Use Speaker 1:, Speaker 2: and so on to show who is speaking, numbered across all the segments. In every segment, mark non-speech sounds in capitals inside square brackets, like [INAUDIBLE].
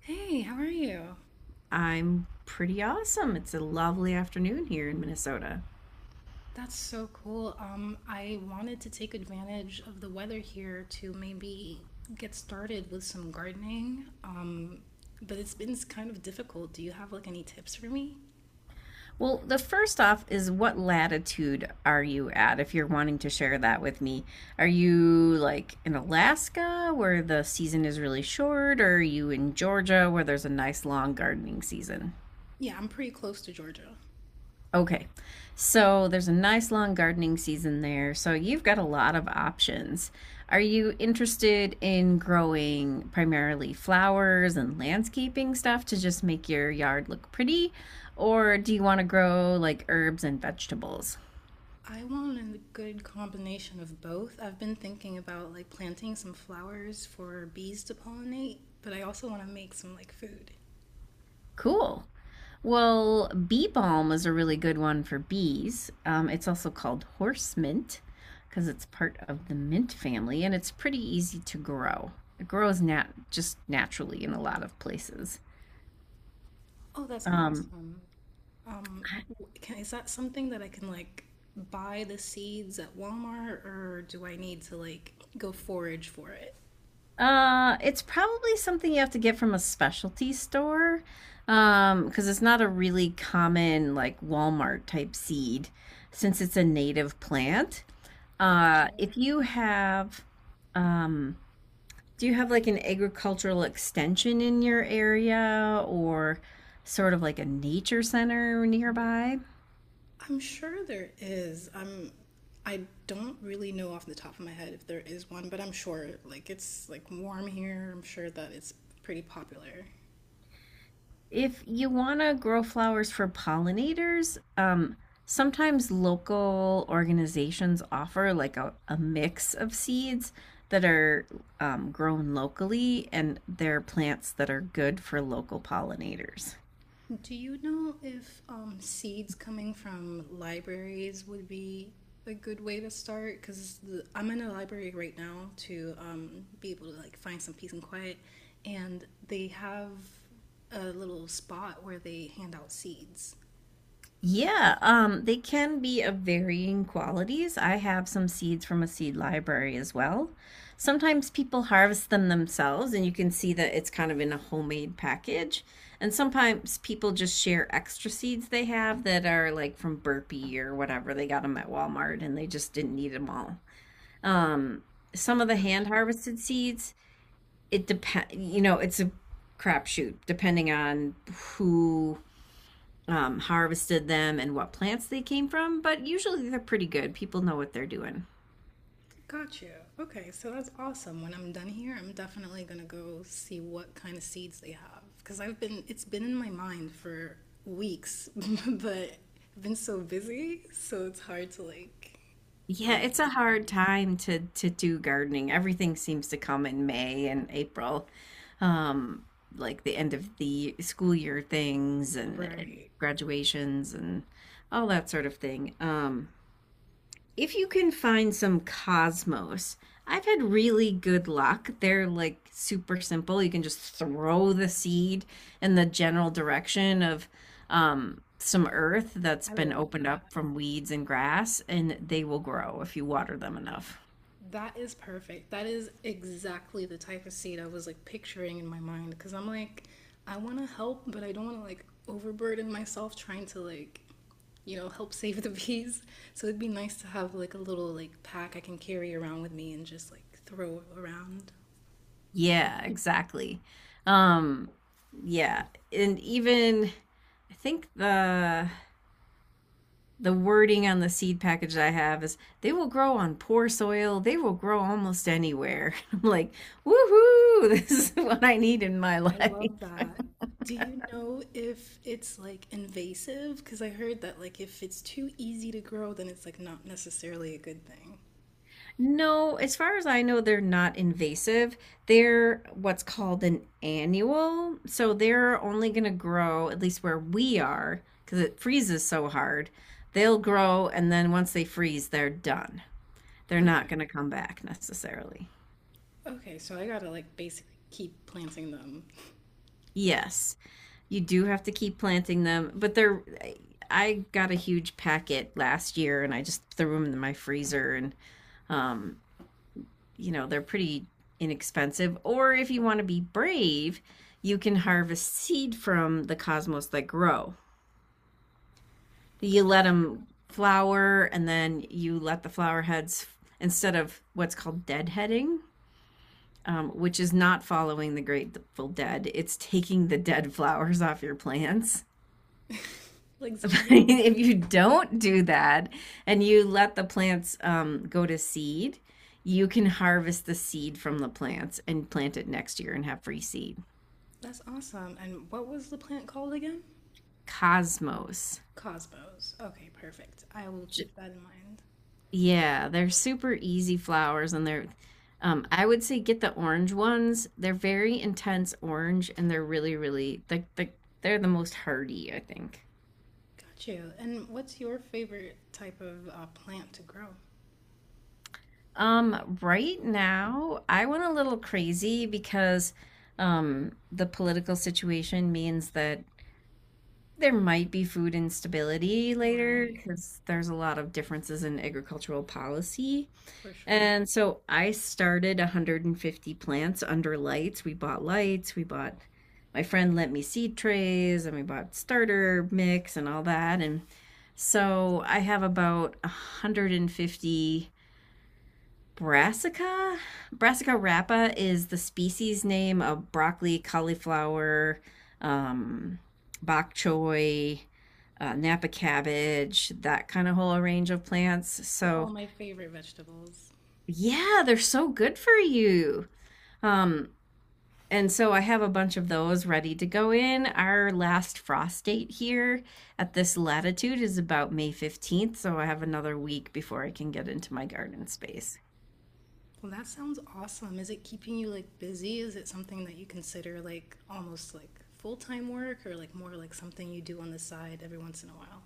Speaker 1: Hey, how are you?
Speaker 2: I'm pretty awesome. It's a lovely afternoon here in Minnesota.
Speaker 1: That's so cool. I wanted to take advantage of the weather here to maybe get started with some gardening. But it's been kind of difficult. Do you have like any tips for me?
Speaker 2: Well, the first off is what latitude are you at if you're wanting to share that with me? Are you like in Alaska where the season is really short, or are you in Georgia where there's a nice long gardening season?
Speaker 1: Yeah, I'm pretty close to Georgia.
Speaker 2: Okay. So there's a nice long gardening season there. So you've got a lot of options. Are you interested in growing primarily flowers and landscaping stuff to just make your yard look pretty? Or do you want to grow like herbs and vegetables?
Speaker 1: I want a good combination of both. I've been thinking about like planting some flowers for bees to pollinate, but I also want to make some like food.
Speaker 2: Cool. Well, bee balm is a really good one for bees. It's also called horse mint because it's part of the mint family and it's pretty easy to grow. It grows nat just naturally in a lot of places.
Speaker 1: Oh, that's
Speaker 2: Um,
Speaker 1: awesome. Is that something that I can like buy the seeds at Walmart or do I need to like go forage for it?
Speaker 2: it's probably something you have to get from a specialty store because it's not a really common like Walmart type seed since it's a native plant.
Speaker 1: Got you.
Speaker 2: If you have um, Do you have like an agricultural extension in your area or sort of like a nature center nearby?
Speaker 1: I'm sure there is. I don't really know off the top of my head if there is one, but I'm sure like it's like warm here. I'm sure that it's pretty popular.
Speaker 2: If you want to grow flowers for pollinators, sometimes local organizations offer like a mix of seeds that are grown locally, and they're plants that are good for local pollinators.
Speaker 1: Do you know if seeds coming from libraries would be a good way to start? Because I'm in a library right now to be able to like find some peace and quiet, and they have a little spot where they hand out seeds.
Speaker 2: Yeah, they can be of varying qualities. I have some seeds from a seed library as well. Sometimes people harvest them themselves, and you can see that it's kind of in a homemade package. And sometimes people just share extra seeds they have that are like from Burpee or whatever. They got them at Walmart and they just didn't need them all. Um, some of the hand
Speaker 1: Gotcha.
Speaker 2: harvested seeds, it depend, you know, it's a crapshoot depending on who harvested them and what plants they came from, but usually they're pretty good. People know what they're doing.
Speaker 1: Got you. Okay, so that's awesome. When I'm done here, I'm definitely gonna go see what kind of seeds they have because I've been it's been in my mind for weeks, [LAUGHS] but I've been so busy, so it's hard to like
Speaker 2: Yeah,
Speaker 1: find
Speaker 2: it's a
Speaker 1: time.
Speaker 2: hard time to do gardening. Everything seems to come in May and April, um, like the end of the school year things, and
Speaker 1: Right.
Speaker 2: graduations and all that sort of thing. If you can find some cosmos, I've had really good luck. They're like super simple. You can just throw the seed in the general direction of some earth that's
Speaker 1: I
Speaker 2: been
Speaker 1: like
Speaker 2: opened
Speaker 1: that.
Speaker 2: up from weeds and grass, and they will grow if you water them enough.
Speaker 1: That is perfect. That is exactly the type of seed I was like picturing in my mind because I'm like, I want to help, but I don't want to like overburden myself trying to like, help save the bees. So it'd be nice to have like a little like pack I can carry around with me and just like throw around.
Speaker 2: Yeah, exactly. Um, yeah, and even I think the wording on the seed package that I have is they will grow on poor soil. They will grow almost anywhere. [LAUGHS] I'm like, woohoo, [LAUGHS] this is what I need in my [LAUGHS]
Speaker 1: I love
Speaker 2: life.
Speaker 1: that. Do you know if it's like invasive? Because I heard that like if it's too easy to grow, then it's like not necessarily a good thing.
Speaker 2: No, as far as I know, they're not invasive. They're what's called an annual. So they're only going to grow, at least where we are, because it freezes so hard. They'll grow, and then once they freeze, they're done. They're not
Speaker 1: Okay.
Speaker 2: going to come back necessarily.
Speaker 1: Okay, so I gotta like basically keep planting them.
Speaker 2: Yes. You do have to keep planting them, but they're. I got a huge packet last year, and I just threw them in my freezer, and um, you know they're pretty inexpensive. Or if you want to be brave, you can harvest seed from the cosmos that grow. You let them flower, and then you let the flower heads instead of what's called deadheading, which is not following the Grateful Dead. It's taking the dead flowers off your plants.
Speaker 1: [LAUGHS] Like
Speaker 2: [LAUGHS]
Speaker 1: zombies.
Speaker 2: If you don't do that and you let the plants go to seed, you can harvest the seed from the plants and plant it next year and have free seed.
Speaker 1: That's awesome. And what was the plant called again?
Speaker 2: Cosmos.
Speaker 1: Cosmos. Okay, perfect. I will
Speaker 2: J-
Speaker 1: keep that in mind.
Speaker 2: Yeah, they're super easy flowers, and they're I would say get the orange ones. They're very intense orange, and they're really, really like they're the most hardy, I think.
Speaker 1: Got you. And what's your favorite type of plant to grow?
Speaker 2: Right now, I went a little crazy because the political situation means that there might be food instability later
Speaker 1: Right,
Speaker 2: because there's a lot of differences in agricultural policy.
Speaker 1: for sure.
Speaker 2: And so I started 150 plants under lights. We bought lights, we bought my friend lent me seed trays, and we bought starter mix and all that. And so I have about 150 Brassica. Brassica rapa is the species name of broccoli, cauliflower, um, bok choy, Napa cabbage, that kind of whole range of plants.
Speaker 1: So all
Speaker 2: So,
Speaker 1: my favorite vegetables.
Speaker 2: yeah, they're so good for you. Um, and so I have a bunch of those ready to go in. Our last frost date here at this latitude is about May 15th, so I have another week before I can get into my garden space.
Speaker 1: Well, that sounds awesome. Is it keeping you like busy? Is it something that you consider like almost like full-time work or like more like something you do on the side every once in a while?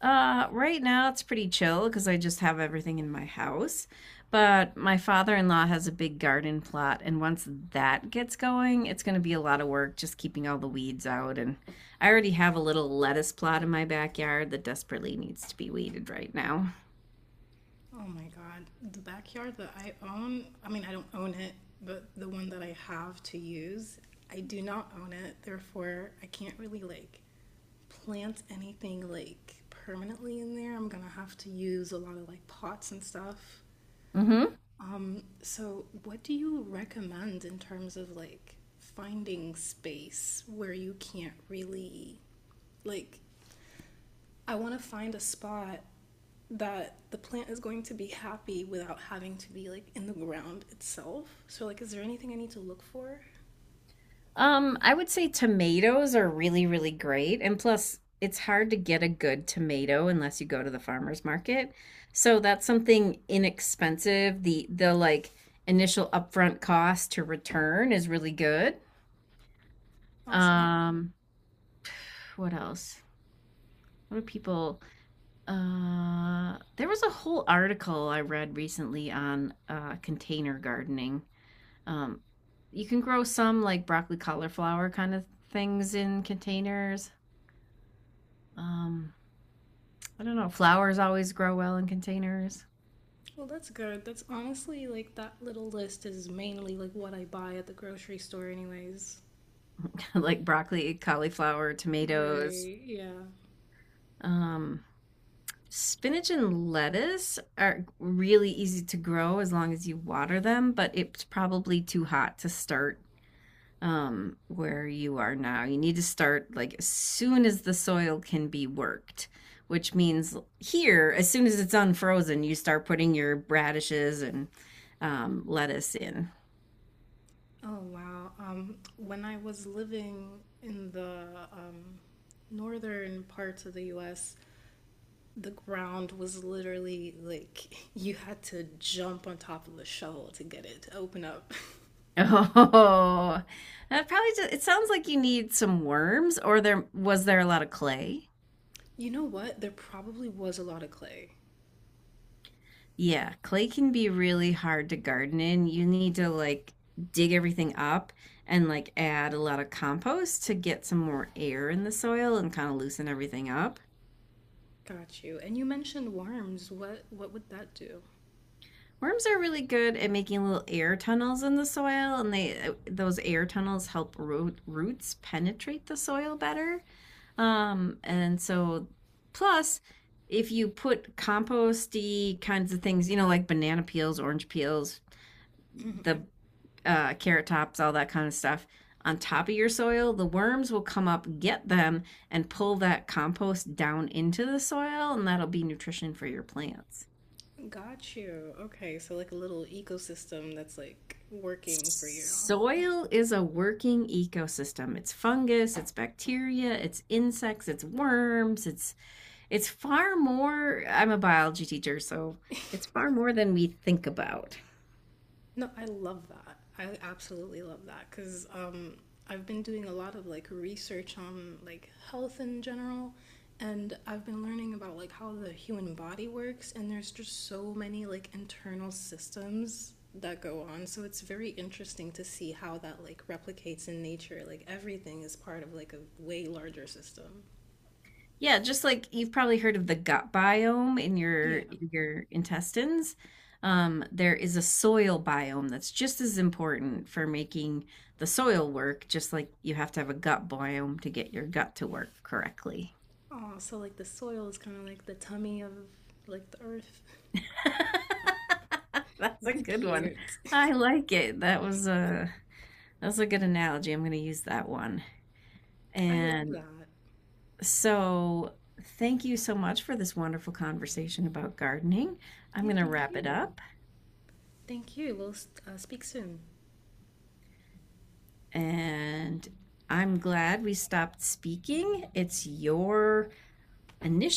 Speaker 2: Right now it's pretty chill because I just have everything in my house. But my father-in-law has a big garden plot, and once that gets going, it's going to be a lot of work just keeping all the weeds out. And I already have a little lettuce plot in my backyard that desperately needs to be weeded right now.
Speaker 1: Oh my God. The backyard that I own, I mean, I don't own it, but the one that I have to use, I do not own it. Therefore, I can't really like plant anything like permanently in there. I'm gonna have to use a lot of like pots and stuff.
Speaker 2: Mm-hmm.
Speaker 1: So, what do you recommend in terms of like finding space where you can't really like? I want to find a spot that the plant is going to be happy without having to be like in the ground itself. So like is there anything I need to look for?
Speaker 2: I would say tomatoes are really, really great. And plus, it's hard to get a good tomato unless you go to the farmer's market. So that's something inexpensive. The like initial upfront cost to return is really good.
Speaker 1: Awesome.
Speaker 2: Um, what else? What do people There was a whole article I read recently on container gardening. Um, you can grow some like broccoli, cauliflower kind of things in containers. Um, I don't know. Flowers always grow well in containers,
Speaker 1: Well, that's good. That's honestly like that little list is mainly like what I buy at the grocery store anyways.
Speaker 2: [LAUGHS] like broccoli, cauliflower, tomatoes.
Speaker 1: Right, yeah.
Speaker 2: Um, Spinach and lettuce are really easy to grow as long as you water them, but it's probably too hot to start where you are now. You need to start like as soon as the soil can be worked, which means here, as soon as it's unfrozen, you start putting your radishes and lettuce in.
Speaker 1: Oh wow. When I was living in the um northern parts of the US, the ground was literally like [LAUGHS] you had to jump on top of a shovel to get it to open up. [LAUGHS]
Speaker 2: [LAUGHS] Oh, that probably just, it sounds like you need some worms, or there was there a lot of clay?
Speaker 1: You know what? There probably was a lot of clay.
Speaker 2: Yeah, clay can be really hard to garden in. You need to like dig everything up and like add a lot of compost to get some more air in the soil and kind of loosen everything up.
Speaker 1: Got you. And you mentioned worms. What would that do?
Speaker 2: Worms are really good at making little air tunnels in the soil, and they those air tunnels help roots penetrate the soil better. And so plus if you put composty kinds of things, you know, like banana peels, orange peels, the carrot tops, all that kind of stuff on top of your soil, the worms will come up, get them, and pull that compost down into the soil, and that'll be nutrition for your plants.
Speaker 1: Got you. Okay, so like a little ecosystem that's like working for you.
Speaker 2: Soil is a working ecosystem. It's fungus, it's bacteria, it's insects, it's worms, it's far more. I'm a biology teacher, so it's far more than we think about.
Speaker 1: No, I love that. I absolutely love that because I've been doing a lot of like research on like health in general, and I've been learning about like how the human body works, and there's just so many like internal systems that go on. So it's very interesting to see how that like replicates in nature. Like everything is part of like a way larger system.
Speaker 2: Yeah, just like you've probably heard of the gut biome in your
Speaker 1: Yeah.
Speaker 2: in your intestines. There is a soil biome that's just as important for making the soil work, just like you have to have a gut biome to get your gut to work correctly.
Speaker 1: Oh, so like the soil is kind of like the tummy of like the earth. [LAUGHS]
Speaker 2: [LAUGHS] That's a
Speaker 1: It's
Speaker 2: good one.
Speaker 1: cute.
Speaker 2: I like it. That was a good analogy. I'm going to use that one.
Speaker 1: [LAUGHS] I love
Speaker 2: And
Speaker 1: that.
Speaker 2: So, Thank you so much for this wonderful conversation about gardening. I'm
Speaker 1: Yeah,
Speaker 2: going to
Speaker 1: thank
Speaker 2: wrap it
Speaker 1: you.
Speaker 2: up
Speaker 1: Thank you. We'll speak soon.
Speaker 2: and I'm glad we stopped speaking. It's your initiative.